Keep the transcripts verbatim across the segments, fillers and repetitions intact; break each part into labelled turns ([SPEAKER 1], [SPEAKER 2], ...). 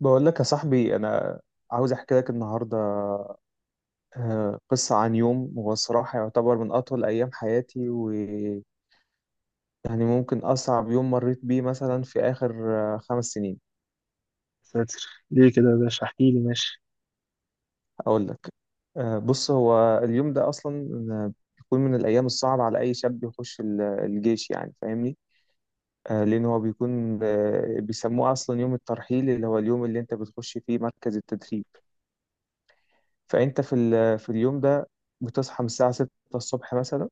[SPEAKER 1] بقول لك يا صاحبي، انا عاوز احكي لك النهارده آه، قصه عن يوم. هو الصراحه يعتبر من اطول ايام حياتي، ويعني ممكن اصعب يوم مريت بيه مثلا في اخر آه، خمس سنين.
[SPEAKER 2] ساتر. ليه كده يا باشا؟ احكي لي ماشي.
[SPEAKER 1] اقول لك. آه، بص، هو اليوم ده اصلا آه، بيكون من الايام الصعبه على اي شاب يخش ال- الجيش، يعني فاهمني. آه، لان هو بيكون آه، بيسموه اصلا يوم الترحيل، اللي هو اليوم اللي انت بتخش فيه مركز التدريب. فانت في ال- في اليوم ده بتصحى من الساعه ستة الصبح مثلا،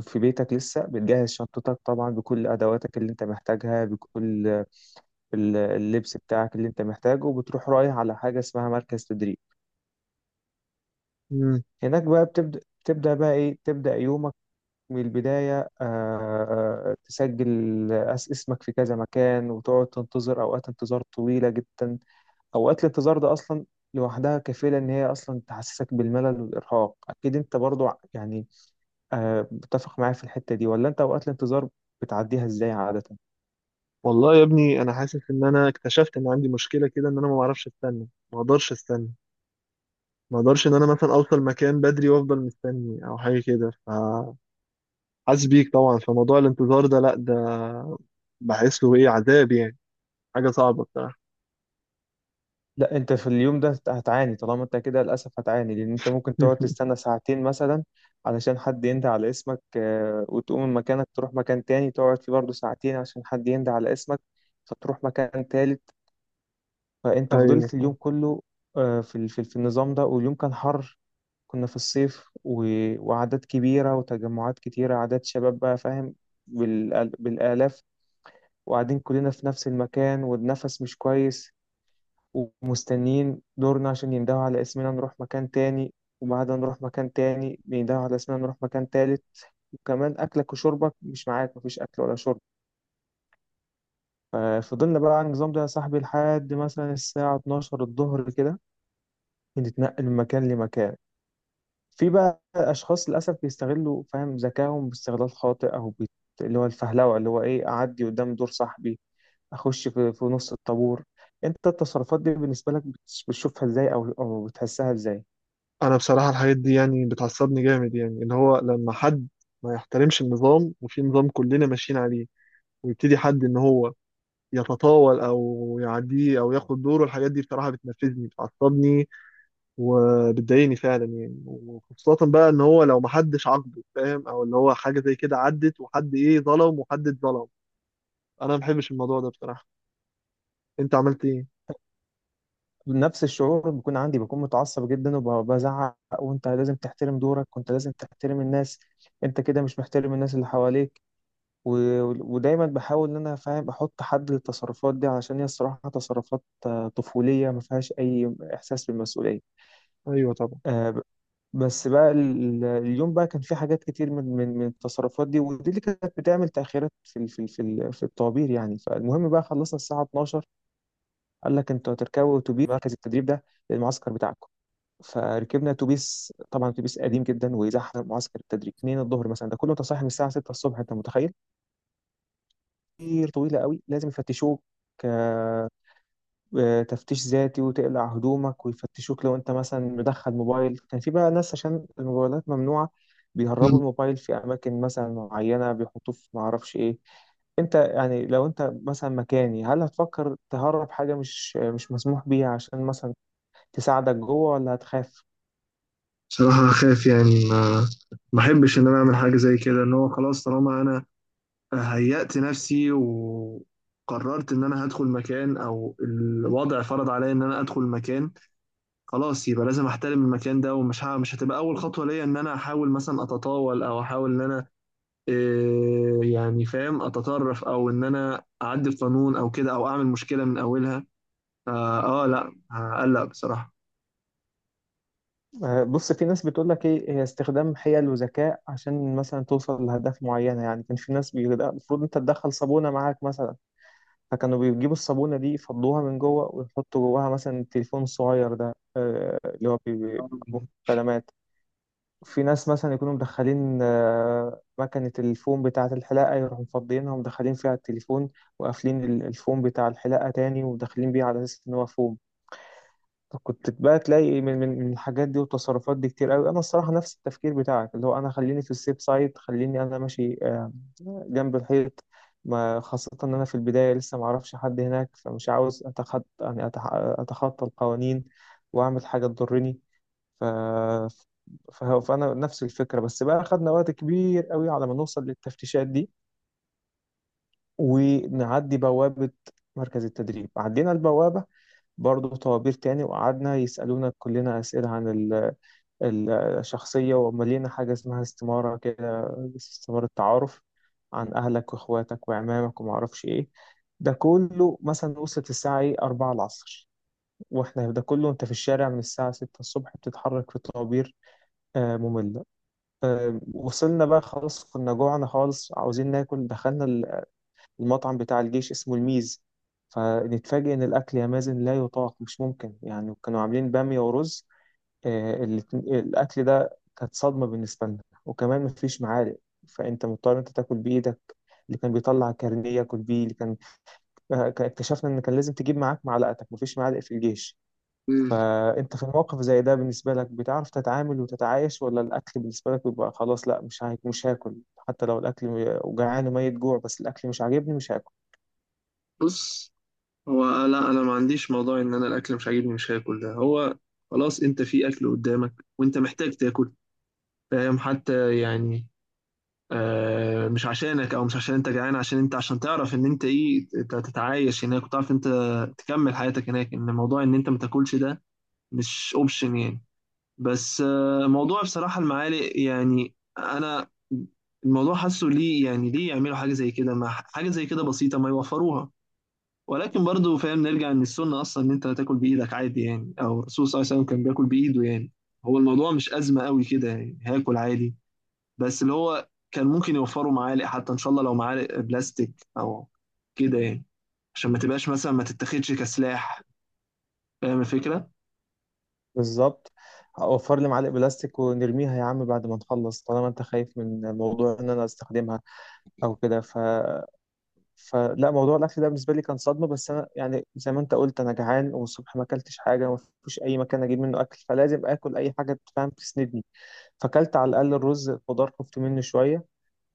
[SPEAKER 1] في بيتك لسه بتجهز شنطتك طبعا بكل أدواتك اللي أنت محتاجها، بكل ال- اللبس بتاعك اللي أنت محتاجه، وبتروح رايح على حاجة اسمها مركز تدريب.
[SPEAKER 2] مم.
[SPEAKER 1] هناك بقى بتبدأ. تبدأ بقى إيه؟ تبدأ يومك من البداية. آه، آه، تسجل أس- اسمك في كذا مكان، وتقعد تنتظر أوقات انتظار طويلة جدا. أوقات الانتظار ده أصلا لوحدها كفيلة إن هي أصلا تحسسك بالملل والإرهاق. أكيد أنت برضو ع- يعني آه، متفق معايا في الحتة دي، ولا أنت أوقات الانتظار بتعديها إزاي عادة؟
[SPEAKER 2] والله يا ابني انا حاسس ان انا اكتشفت ان عندي مشكله كده، ان انا ما بعرفش استنى، ما اقدرش استنى، ما اقدرش ان انا مثلا اوصل مكان بدري وافضل مستني او حاجه كده، فحاسس بيك طبعا. فموضوع الانتظار ده، لا ده بحس له ايه عذاب يعني، حاجه صعبه بصراحه.
[SPEAKER 1] لا، انت في اليوم ده هت- هتعاني. طالما انت كده للاسف هتعاني، لان انت ممكن تقعد تستنى ساعتين مثلا علشان حد ينده على اسمك، آه، وتقوم من مكانك تروح مكان تاني تقعد فيه برضه ساعتين عشان حد ينده على اسمك، فتروح مكان تالت. فانت
[SPEAKER 2] ايوه
[SPEAKER 1] فضلت
[SPEAKER 2] صح.
[SPEAKER 1] اليوم كله آه، في ال- في ال- في النظام ده. واليوم كان حر، كنا في الصيف، و- وأعداد كبيرة وتجمعات كتيرة، أعداد شباب بقى فاهم، بالآل- بالآلاف، وقاعدين كلنا في نفس المكان والنفس مش كويس، ومستنيين دورنا عشان يندهوا على اسمنا نروح مكان تاني، وبعدها نروح مكان تاني بيندهوا على اسمنا نروح مكان تالت، وكمان أكلك وشربك مش معاك، مفيش أكل ولا شرب. ففضلنا بقى على النظام ده يا صاحبي لحد مثلا الساعة اتناشر الظهر كده بنتنقل من مكان لمكان. في بقى أشخاص للأسف بيستغلوا فاهم ذكائهم باستغلال خاطئ، أو بيت... اللي هو الفهلوة، اللي هو إيه، أعدي قدام دور صاحبي، أخش في, في نص الطابور. أنت التصرفات دي بالنسبة لك بتش- بتشوفها إزاي، أو أو بتحسها إزاي؟
[SPEAKER 2] انا بصراحه الحاجات دي يعني بتعصبني جامد، يعني اللي هو لما حد ما يحترمش النظام وفي نظام كلنا ماشيين عليه، ويبتدي حد ان هو يتطاول او يعديه او ياخد دوره، الحاجات دي بصراحه بتنرفزني، بتعصبني وبتضايقني فعلا يعني. وخصوصا بقى ان هو لو محدش عاقبه، فاهم، او اللي هو حاجه زي كده عدت وحد ايه ظلم وحد اتظلم، انا ما بحبش الموضوع ده بصراحه. انت عملت ايه؟
[SPEAKER 1] نفس الشعور بيكون عندي، بكون متعصب جدا وبزعق. وانت لازم تحترم دورك، وانت لازم تحترم الناس. انت كده مش محترم الناس اللي حواليك. و... ودايما بحاول ان انا فاهم احط حد للتصرفات دي، علشان هي الصراحة تصرفات آه، طفولية ما فيهاش اي احساس بالمسؤولية.
[SPEAKER 2] ايوه طبعا.
[SPEAKER 1] آه، ب- بس بقى ال- اليوم بقى كان في حاجات كتير من من من التصرفات دي، ودي اللي كانت بتعمل تأخيرات في ال- في ال- في ال- في الطوابير يعني. فالمهم بقى خلصنا الساعة اتناشر، قال لك انتوا هتركبوا اتوبيس مركز التدريب ده للمعسكر بتاعكم. فركبنا اتوبيس، طبعا اتوبيس قديم جدا ويزحم معسكر التدريب اتنين الظهر مثلا، ده كله انت صاحي من الساعه ستة الصبح، انت متخيل؟ كتير طويله قوي. لازم يفتشوك آه، آه، تفتيش ذاتي، وتقلع هدومك ويفتشوك لو انت مثلا مدخل موبايل. كان في بقى ناس، عشان الموبايلات ممنوعه، بيهربوا
[SPEAKER 2] مم.
[SPEAKER 1] الموبايل في اماكن مثلا معينه، بيحطوه في ما اعرفش ايه. انت يعني لو انت مثلا مكاني، هل هتفكر تهرب حاجه مش مش مسموح بيها عشان مثلا تساعدك جوه، ولا هتخاف؟
[SPEAKER 2] بصراحة أخاف يعني، ما ما أحبش إن أنا أعمل حاجة زي كده. إن هو خلاص طالما أنا هيأت نفسي وقررت إن أنا هدخل مكان، أو الوضع فرض عليا إن أنا أدخل مكان، خلاص يبقى لازم احترم المكان ده. ومش ه- مش هتبقى اول خطوه ليا ان انا احاول مثلا اتطاول او احاول ان انا إيه يعني فاهم اتطرف او ان انا اعدي القانون او كده او اعمل مشكله من اولها. اه, آه لا هقلق بصراحه.
[SPEAKER 1] آه، بص، في ناس بتقول لك ايه هي استخدام حيل وذكاء عشان مثلا توصل لأهداف معينة. يعني كان في ناس بيقول لأ، المفروض انت تدخل صابونة معاك مثلا. فكانوا بيجيبوا الصابونة دي يفضوها من جوه ويحطوا جواها مثلا التليفون الصغير ده آه، اللي هو بي- بي- مكالمات. في ناس مثلا يكونوا مدخلين آه، مكنة الفوم بتاعة الحلاقة، يروحوا مفضيينها ومدخلين فيها التليفون، وقافلين ال- الفوم بتاع الحلاقة تاني ومدخلين بيه على أساس إن هو فوم. كنت بقى تلاقي من من من الحاجات دي والتصرفات دي كتير قوي. انا الصراحه نفس التفكير بتاعك، اللي هو انا خليني في السيف سايد، خليني انا ماشي آه، جنب الحيط، ما خاصه ان انا في البدايه لسه ما اعرفش حد هناك، فمش عاوز اتخطى يعني أتح- اتخطى القوانين واعمل حاجه تضرني. ف ف- فانا نفس الفكره. بس بقى خدنا وقت كبير قوي على ما نوصل للتفتيشات دي ونعدي بوابه مركز التدريب. عدينا البوابه، برضه طوابير تاني، وقعدنا يسألونا كلنا أسئلة عن الشخصية، ومليانة حاجة اسمها استمارة كده، استمارة تعارف عن أهلك وإخواتك وعمامك ومعرفش إيه. ده كله مثلا وصلت الساعة إيه، أربعة العصر، وإحنا ده كله أنت في الشارع من الساعة ستة الصبح بتتحرك في طوابير آه، مملة. آه، وصلنا بقى خلاص، كنا جوعنا خالص عاوزين ناكل. دخلنا ال- المطعم بتاع الجيش، اسمه الميز. فنتفاجئ إن الأكل يا مازن لا يطاق، مش ممكن. يعني كانوا عاملين بامية ورز. آه، الاتن- الأكل ده كانت صدمة بالنسبة لنا، وكمان مفيش معالق، فأنت مضطر أنت تاكل بإيدك. اللي كان بيطلع كارنيه ياكل بيه. اللي كان آه، ك- اكتشفنا إن كان لازم تجيب معاك معلقتك، مفيش معالق في الجيش.
[SPEAKER 2] مم.
[SPEAKER 1] فأنت في الموقف زي ده بالنسبة لك بتعرف تتعامل وتتعايش، ولا الأكل بالنسبة لك بيبقى خلاص، لا مش هاك مش هاكل، حتى لو الأكل م- جعان وميت جوع بس الأكل مش عاجبني مش هاكل؟
[SPEAKER 2] بص، هو لا انا ما عنديش موضوع ان انا الاكل مش عاجبني مش هاكل، ده هو خلاص انت في اكل قدامك وانت محتاج تاكل، فاهم، حتى يعني آه، مش عشانك او مش عشان انت جعان، عشان انت عشان تعرف ان انت ايه ت- تتعايش هناك وتعرف انت تكمل حياتك هناك. ان موضوع ان انت ما تاكلش ده مش اوبشن يعني. بس آه، موضوع بصراحة المعالق، يعني انا الموضوع حاسه ليه يعني، ليه يعملوا حاجة زي كده، ما حاجة زي كده بسيطة ما يوفروها. ولكن برضو فاهم نرجع ان السنة اصلا ان انت تاكل بايدك عادي يعني، او الرسول صلى الله عليه وسلم كان بياكل بايده يعني. هو الموضوع مش أزمة قوي كده يعني، هاكل عادي. بس اللي هو كان ممكن يوفروا معالق، حتى ان شاء الله لو معالق بلاستيك او كده يعني، عشان ما تبقاش مثلا ما تتاخدش كسلاح، فاهم الفكره.
[SPEAKER 1] بالظبط. أوفر لي معلق بلاستيك ونرميها يا عم بعد ما نخلص طالما أنت خايف من موضوع إن أنا أستخدمها أو كده. ف فلا، موضوع الاكل ده بالنسبه لي كان صدمه. بس انا يعني زي ما انت قلت انا جعان، والصبح ما اكلتش حاجه، ما فيش اي مكان اجيب منه اكل، فلازم اكل اي حاجه تفهم تسندني. فاكلت على الاقل الرز، خضار خفت منه شويه،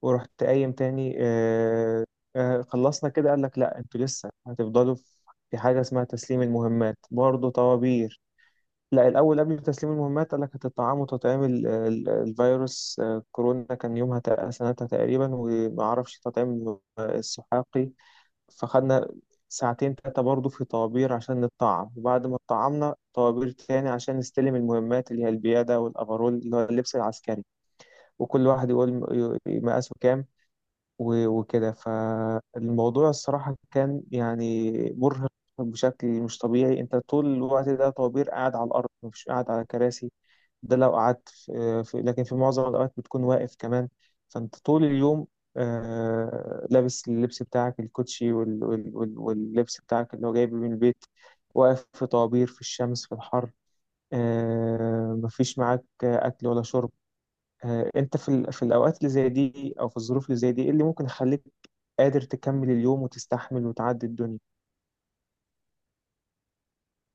[SPEAKER 1] ورحت قايم تاني. آه آه خلصنا كده قال لك لا انتوا لسه هتفضلوا. في حاجه اسمها تسليم المهمات، برضه طوابير. لا الاول، قبل تسليم المهمات قال لك هتطعموا تطعيم ال- ال- الفيروس، آه، كورونا كان يومها تق- سنتها تقريبا، وما اعرفش تطعيم السحاقي. فخدنا ساعتين تلاتة برضه في طوابير عشان نطعم. وبعد ما اتطعمنا طوابير تاني عشان نستلم المهمات اللي هي البيادة والأفرول اللي هو اللبس العسكري. وكل واحد يقول م- ي- مقاسه كام، و- وكده. فالموضوع الصراحة كان يعني مرهق بشكل مش طبيعي. انت طول الوقت ده طوابير، قاعد على الأرض مش قاعد على كراسي. ده لو قعدت في في- لكن في معظم الأوقات بتكون واقف كمان. فأنت طول اليوم آه، لابس اللبس بتاعك الكوتشي وال- وال- وال- واللبس بتاعك اللي هو جايبه من البيت، واقف في طوابير في الشمس في الحر. آه، مفيش معاك آه، أكل ولا شرب. آه، أنت في ال- في الأوقات اللي زي دي أو في الظروف اللي زي دي، إيه اللي ممكن يخليك قادر تكمل اليوم وتستحمل وتعدي الدنيا؟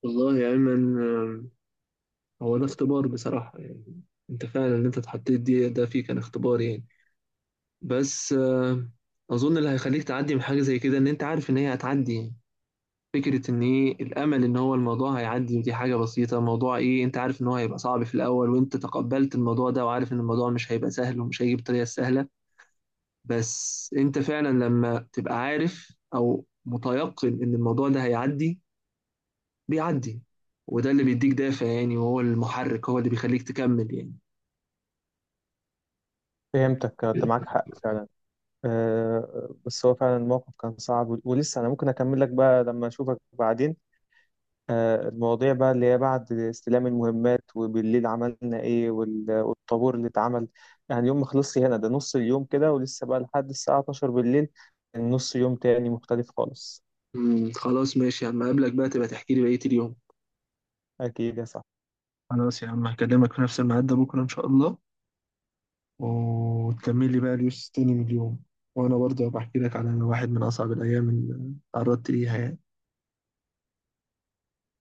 [SPEAKER 2] والله يا أيمن آه، هو ده اختبار بصراحة يعني. أنت فعلا اللي أنت اتحطيت دي، ده فيه كان اختبار يعني. بس آه، أظن اللي هيخليك تعدي من حاجة زي كده إن أنت عارف إن هي هتعدي يعني. فكرة إن إيه الأمل إن هو الموضوع هيعدي، ودي حاجة بسيطة، موضوع إيه أنت عارف إن هو هيبقى صعب في الأول، وأنت تقبلت الموضوع ده وعارف إن الموضوع مش هيبقى سهل ومش هيجي بطريقة سهلة. بس انت فعلا لما تبقى عارف او متيقن ان الموضوع ده هيعدي، بيعدي. وده اللي بيديك دافع يعني، وهو المحرك، هو اللي بيخليك تكمل يعني.
[SPEAKER 1] فهمتك. آه، أنت معاك حق فعلا. آه، بس هو فعلا الموقف كان صعب، ولسه انا ممكن اكمل لك بقى لما اشوفك بعدين. آه، المواضيع بقى اللي هي بعد استلام المهمات وبالليل عملنا ايه، وال- والطابور اللي اتعمل يعني. يوم ما خلصش هنا، ده نص اليوم كده، ولسه بقى لحد الساعة اتناشر بالليل نص يوم تاني مختلف خالص.
[SPEAKER 2] مم، خلاص ماشي يا عم، اقابلك بقى تبقى تحكي لي بقية اليوم.
[SPEAKER 1] اكيد يا صاحبي.
[SPEAKER 2] خلاص يا عم هكلمك في نفس الميعاد ده بكرة إن شاء الله، وتكمل لي بقى اليوس تاني من اليوم، وأنا برضه هبقى أحكي لك على واحد من أصعب الأيام اللي تعرضت ليها يعني.